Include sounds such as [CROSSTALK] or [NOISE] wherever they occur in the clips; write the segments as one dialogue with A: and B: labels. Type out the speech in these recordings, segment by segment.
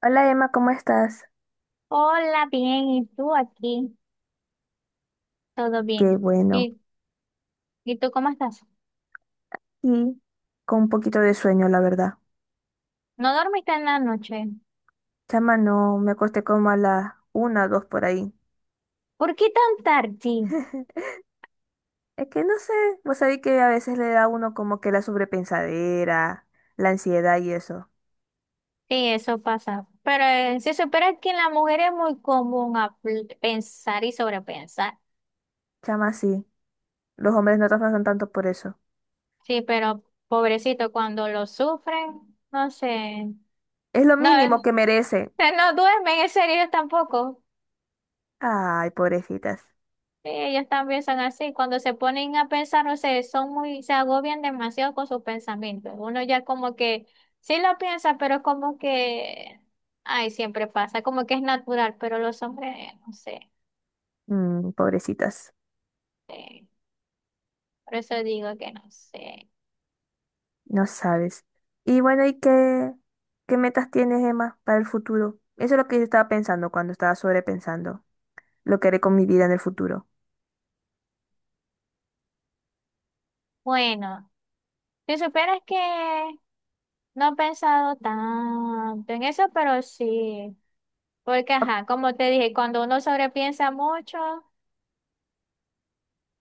A: Hola Emma, ¿cómo estás?
B: Hola, bien, ¿y tú aquí? Todo
A: Qué
B: bien.
A: bueno.
B: ¿Y, y tú ¿cómo estás?
A: Y con un poquito de sueño, la verdad.
B: ¿No dormiste en la noche?
A: Chama, no, me acosté como a las una, dos por ahí.
B: ¿Por qué tan tarde? Sí,
A: [LAUGHS] Es que no sé, vos sabés que a veces le da a uno como que la sobrepensadera, la ansiedad y eso.
B: eso pasa. Pero se supone que en la mujer es muy común pensar y sobrepensar.
A: Chama, sí. Los hombres no trabajan tanto por eso.
B: Sí, pero pobrecito, cuando lo sufren, no sé.
A: Es lo
B: No,
A: mínimo que merecen.
B: no duermen, en serio tampoco.
A: Ay, pobrecitas.
B: Sí, ellos también son así. Cuando se ponen a pensar, no sé, son muy, se agobian demasiado con sus pensamientos. Uno ya como que sí lo piensa, pero como que, ay, siempre pasa, como que es natural, pero los hombres, no sé.
A: Mm, pobrecitas.
B: Sí. Por eso digo que no sé.
A: No sabes. Y bueno, ¿Qué metas tienes, Emma, para el futuro? Eso es lo que yo estaba pensando cuando estaba sobrepensando lo que haré con mi vida en el futuro.
B: Bueno, si supieras que no he pensado tanto en eso, pero sí. Porque,
A: Ah,
B: ajá, como te dije, cuando uno sobrepiensa mucho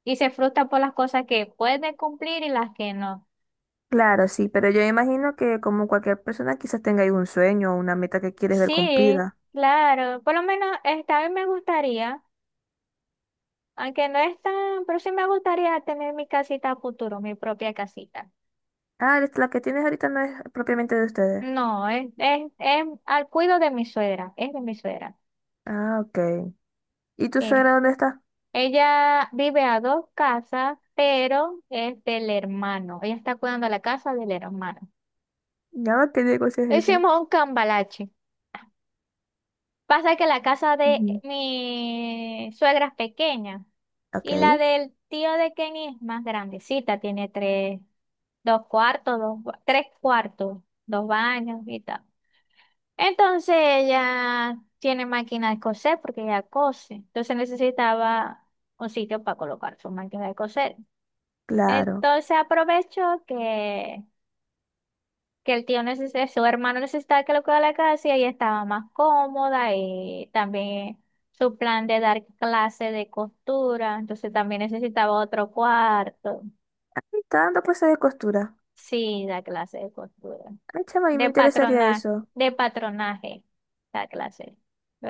B: y se frustra por las cosas que puede cumplir y las que no.
A: claro, sí, pero yo imagino que como cualquier persona quizás tenga algún sueño o una meta que quieres ver
B: Sí,
A: cumplida.
B: claro. Por lo menos esta vez me gustaría, aunque no es tan, pero sí me gustaría tener mi casita a futuro, mi propia casita.
A: Ah, la que tienes ahorita no es propiamente de ustedes.
B: No, es al cuido de mi suegra, es de mi suegra.
A: Ah, ok. ¿Y tu
B: Eh,
A: suegra dónde está?
B: ella vive a dos casas, pero es del hermano. Ella está cuidando la casa del hermano.
A: Ya, ¿qué negocio es ese?
B: Hicimos un cambalache. Pasa que la casa de
A: Ujú.
B: mi suegra es pequeña,
A: Ok,
B: y la del tío de Kenny es más grandecita, tiene dos cuartos, tres cuartos, dos baños y tal. Entonces ella tiene máquina de coser porque ella cose, entonces necesitaba un sitio para colocar su máquina de coser.
A: claro.
B: Entonces aprovechó que el tío necesitaba, su hermano necesitaba que lo cuidara la casa, y ella estaba más cómoda, y también su plan de dar clase de costura, entonces también necesitaba otro cuarto.
A: Ah, está dando clases de costura.
B: Sí, da clase de costura,
A: Ay, chama, y me
B: de
A: interesaría
B: patronaje,
A: eso.
B: de patronaje, da clase.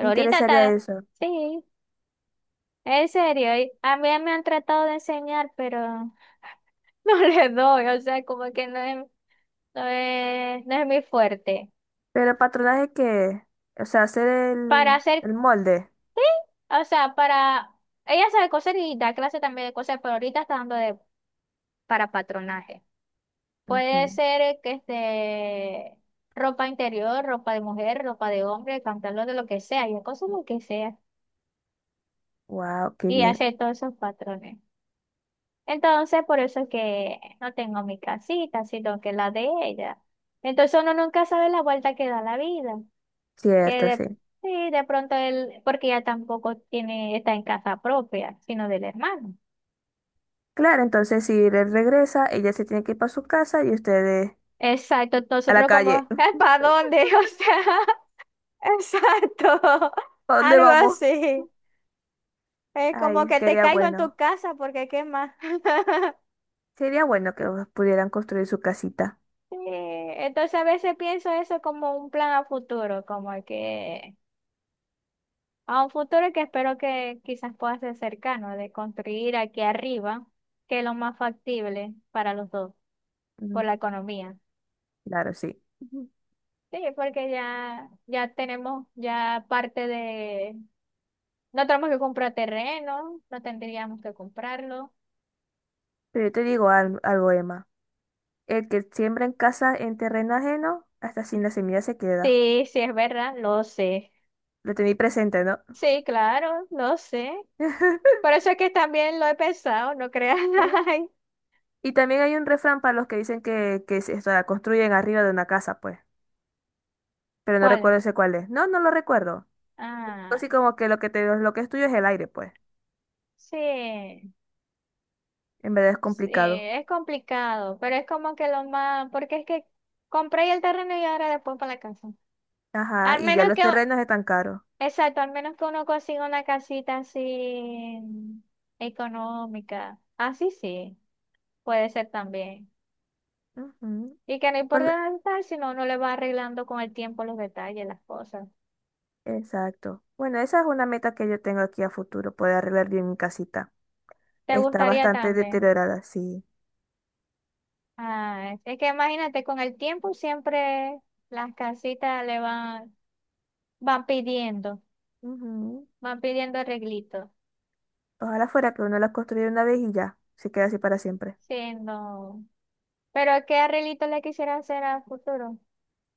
A: Me
B: ahorita
A: interesaría
B: está,
A: eso.
B: sí, en serio, y a mí me han tratado de enseñar, pero [LAUGHS] no le doy, o sea, como que no es mi fuerte.
A: Pero el patronaje que, o sea, hacer
B: Para
A: el,
B: hacer.
A: el molde.
B: O sea, para... Ella sabe coser y da clase también de coser, pero ahorita está dando de... para patronaje. Puede
A: Ujú.
B: ser que este... ropa interior, ropa de mujer, ropa de hombre, pantalón de lo que sea, y cosas lo que sea.
A: Wow, qué
B: Y
A: bien.
B: hace todos esos patrones. Entonces, por eso es que no tengo mi casita, sino que la de ella. Entonces uno nunca sabe la vuelta que da la vida. Que
A: Cierto,
B: de,
A: sí.
B: sí, de pronto él, porque ella tampoco tiene, está en casa propia, sino del hermano.
A: Claro, entonces si él regresa, ella se tiene que ir para su casa y ustedes
B: Exacto,
A: a la
B: nosotros
A: calle.
B: como,
A: [LAUGHS]
B: ¿para dónde? [LAUGHS] O sea, exacto,
A: ¿A dónde
B: algo
A: vamos?
B: así. Es como
A: Ay,
B: que te
A: quería
B: caigo en tu
A: bueno.
B: casa porque qué más. [LAUGHS]
A: Sería bueno que pudieran construir su casita.
B: Sí, entonces a veces pienso eso como un plan a futuro, como que a un futuro que espero que quizás pueda ser cercano, de construir aquí arriba, que es lo más factible para los dos, por
A: Mm,
B: la economía.
A: Claro, sí. Ujú.
B: Sí, porque ya tenemos ya parte de. No tenemos que comprar terreno, no tendríamos que comprarlo.
A: Pero yo te digo algo, Emma. El que siembra en casa en terreno ajeno, hasta sin la semilla se queda.
B: Sí, sí, es verdad, lo sé.
A: Lo tenéis presente, ¿no?
B: Sí, claro, lo sé.
A: [LAUGHS]
B: Por eso es que también lo he pensado, no creas. [LAUGHS] Ay,
A: Y también hay un refrán para los que dicen que o sea, construyen arriba de una casa, pues. Pero no
B: ¿cuál?
A: recuerdo ese cuál es. No, no lo recuerdo.
B: Ah,
A: Así como que lo que es tuyo es el aire, pues.
B: sí,
A: En verdad es
B: sí,
A: complicado.
B: es complicado, pero es como que lo más, porque es que compré el terreno y ahora después para la casa.
A: Ajá,
B: Al
A: y ya
B: menos
A: los
B: que,
A: terrenos están caros.
B: exacto, al menos que uno consiga una casita así económica. Así sí, puede ser también.
A: Ujú.
B: Y que no
A: Ol-
B: importa el detalle, sino uno le va arreglando con el tiempo los detalles, las cosas.
A: Exacto. Bueno, esa es una meta que yo tengo aquí a futuro, poder arreglar bien mi casita.
B: ¿Te
A: Está
B: gustaría
A: bastante
B: también?
A: deteriorada, sí.
B: Ah, es que imagínate, con el tiempo siempre las casitas le van, van pidiendo,
A: Ujú.
B: van pidiendo arreglitos.
A: Ojalá fuera que uno la construyera una vez y ya, se queda así para siempre.
B: Sí, no. Pero ¿qué arreglito le quisiera hacer al futuro?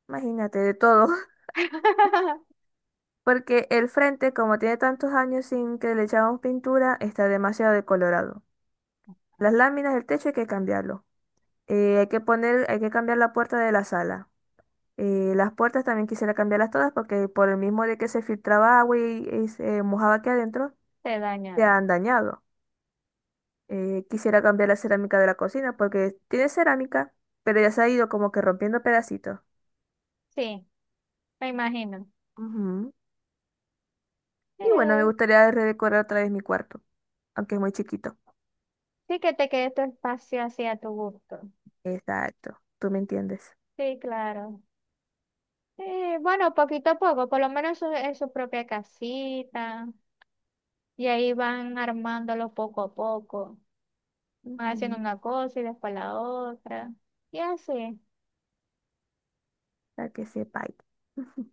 A: Imagínate, de todo.
B: [LAUGHS]
A: Porque el frente, como tiene tantos años sin que le echamos pintura, está demasiado decolorado. Las láminas del techo hay que cambiarlo. Hay que cambiar la puerta de la sala. Las puertas también quisiera cambiarlas todas porque por el mismo de que se filtraba agua y se mojaba aquí adentro,
B: Te
A: se
B: dañaron.
A: han dañado. Quisiera cambiar la cerámica de la cocina porque tiene cerámica, pero ya se ha ido como que rompiendo pedacitos.
B: Sí, me imagino.
A: Ujú.
B: Sí,
A: Y bueno, me gustaría redecorar otra vez mi cuarto, aunque es muy chiquito.
B: sí que te quede tu espacio así a tu gusto.
A: Exacto, tú me entiendes.
B: Sí, claro. Bueno, poquito a poco, por lo menos en su propia casita, y ahí van armándolo poco a poco, van haciendo
A: Ujú.
B: una cosa y después la otra, y así.
A: Para que sepáis. [LAUGHS] Ujú.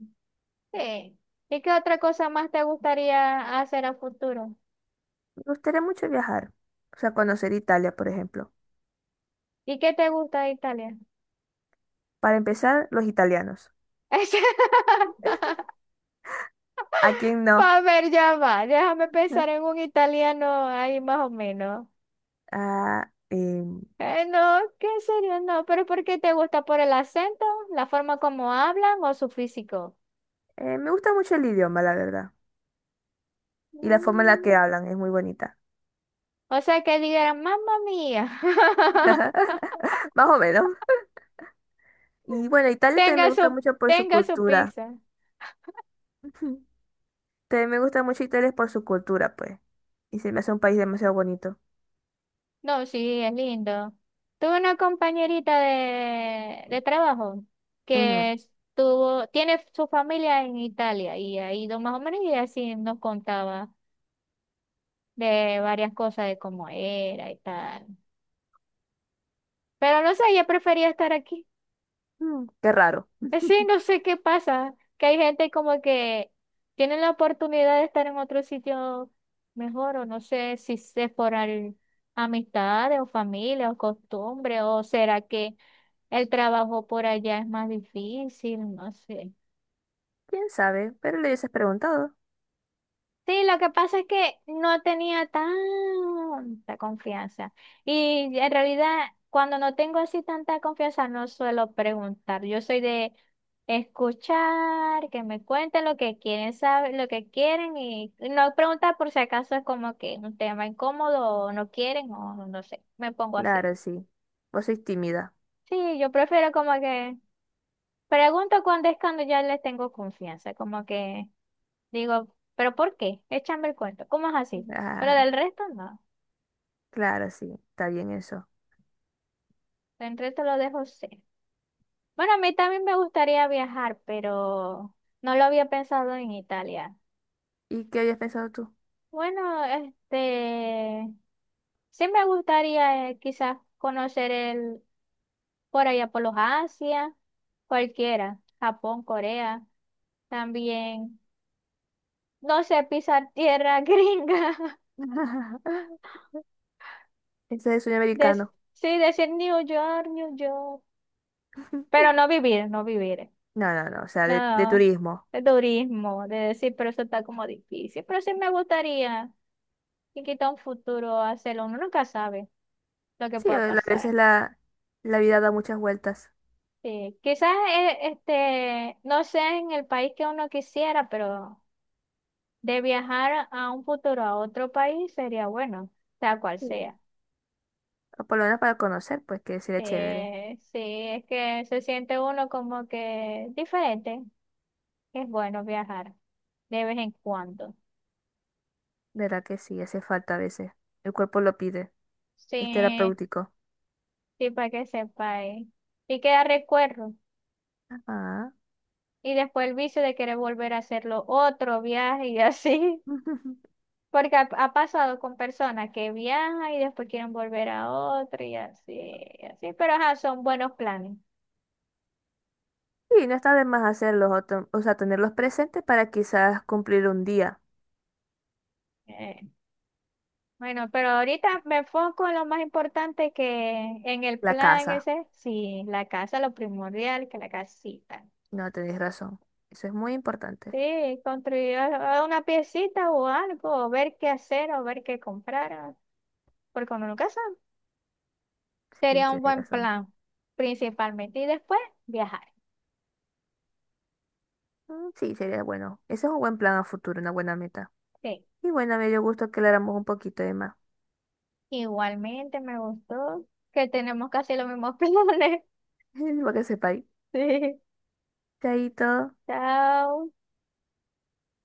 B: Sí. ¿Y qué otra cosa más te gustaría hacer a futuro?
A: Me gustaría mucho viajar, o sea, conocer Italia, por ejemplo.
B: ¿Y qué te gusta de Italia?
A: Para empezar, los italianos.
B: [LAUGHS]
A: ¿A quién no?
B: Para ver, ya va, déjame pensar en
A: [LAUGHS]
B: un italiano ahí más o menos.
A: Ah,
B: No, ¿qué serio? No, pero ¿por qué te gusta? ¿Por el acento? ¿La forma como hablan o su físico?
A: me gusta mucho el idioma, la verdad. Y la forma en la que
B: Mm.
A: hablan es muy bonita.
B: O sea, que digan, mamma mía, [LAUGHS]
A: [LAUGHS] Más o menos. Y bueno, Italia también me
B: tenga
A: gusta
B: su,
A: mucho por su
B: tenga su
A: cultura.
B: pizza.
A: [LAUGHS] Ujú. También me gusta mucho Italia por su cultura, pues. Y se me hace un país demasiado bonito.
B: No, sí, es lindo. Tuve una compañerita de trabajo que estuvo, tiene su familia en Italia y ha ido más o menos, y así nos contaba de varias cosas de cómo era y tal. Pero no sé, ella prefería estar aquí.
A: Ujú. Qué raro.
B: Sí, no sé qué pasa, que hay gente como que tiene la oportunidad de estar en otro sitio mejor, o no sé si es por amistades o familia o costumbre, o será que el trabajo por allá es más difícil, no sé.
A: ¿Quién sabe? Pero le hubieses preguntado.
B: Sí, lo que pasa es que no tenía tanta confianza. Y en realidad, cuando no tengo así tanta confianza, no suelo preguntar. Yo soy de escuchar, que me cuenten lo que quieren saber, lo que quieren, y no preguntar por si acaso es como que un tema incómodo o no quieren o no sé. Me pongo así.
A: Claro, sí. Vos sois tímida.
B: Sí, yo prefiero como que pregunto cuando es cuando ya les tengo confianza, como que digo, ¿pero por qué? Échame el cuento. ¿Cómo es así? Pero
A: Ah,
B: del resto no.
A: claro, sí, está bien eso.
B: Del resto lo dejo ser. Bueno, a mí también me gustaría viajar, pero no lo había pensado en Italia.
A: ¿Y qué habías pensado tú?
B: Bueno, este, sí me gustaría quizás conocer el, por allá por los Asia, cualquiera, Japón, Corea, también, no sé, pisar tierra [LAUGHS] gringa,
A: [LAUGHS] Ese es el sueño
B: des-
A: americano.
B: sí, decir New York, New York,
A: [LAUGHS]
B: pero no vivir, no vivir.
A: No, no, no, o sea, de
B: No,
A: turismo.
B: de turismo, de decir, pero eso está como difícil. Pero sí me gustaría, y quita un futuro hacerlo, uno nunca sabe lo que
A: Sí,
B: pueda
A: a
B: pasar.
A: veces la vida da muchas vueltas.
B: Sí, quizás este, no sea en el país que uno quisiera, pero de viajar a un futuro a otro país sería bueno, sea cual
A: Sí.
B: sea.
A: O por lo menos para conocer, pues que sería chévere.
B: Sí, es que se siente uno como que diferente. Es bueno viajar de vez en cuando.
A: Verá que sí, hace falta a veces. El cuerpo lo pide. Es
B: Sí.
A: terapéutico.
B: Sí, para que sepáis. Y queda recuerdo.
A: Ah.
B: Y después el vicio de querer volver a hacerlo otro viaje y [LAUGHS] así.
A: [LAUGHS]
B: Porque ha pasado con personas que viajan y después quieren volver a otro y así, y así. Pero ajá, son buenos planes.
A: Sí no está de más hacerlos, o, o sea, tenerlos presentes para quizás cumplir un día
B: Eh, bueno, pero ahorita me enfoco en lo más importante que en el
A: la
B: plan
A: casa.
B: ese, sí, la casa, lo primordial, que la casita.
A: No, tenéis razón. Eso es muy importante.
B: Sí, construir ah, una piecita o algo, o ver qué hacer o ver qué comprar, ah, porque uno nunca sabe.
A: Sí,
B: Sería un
A: tienes
B: buen
A: razón.
B: plan, principalmente. Y después viajar.
A: Sí, sería bueno. Ese es un buen plan a futuro, una buena meta.
B: Sí.
A: Y bueno, me dio gusto que habláramos un poquito de más.
B: Igualmente me gustó que tenemos casi los mismos [LAUGHS] planes.
A: [LAUGHS] Para que sepáis.
B: Sí.
A: Chaito.
B: Chao.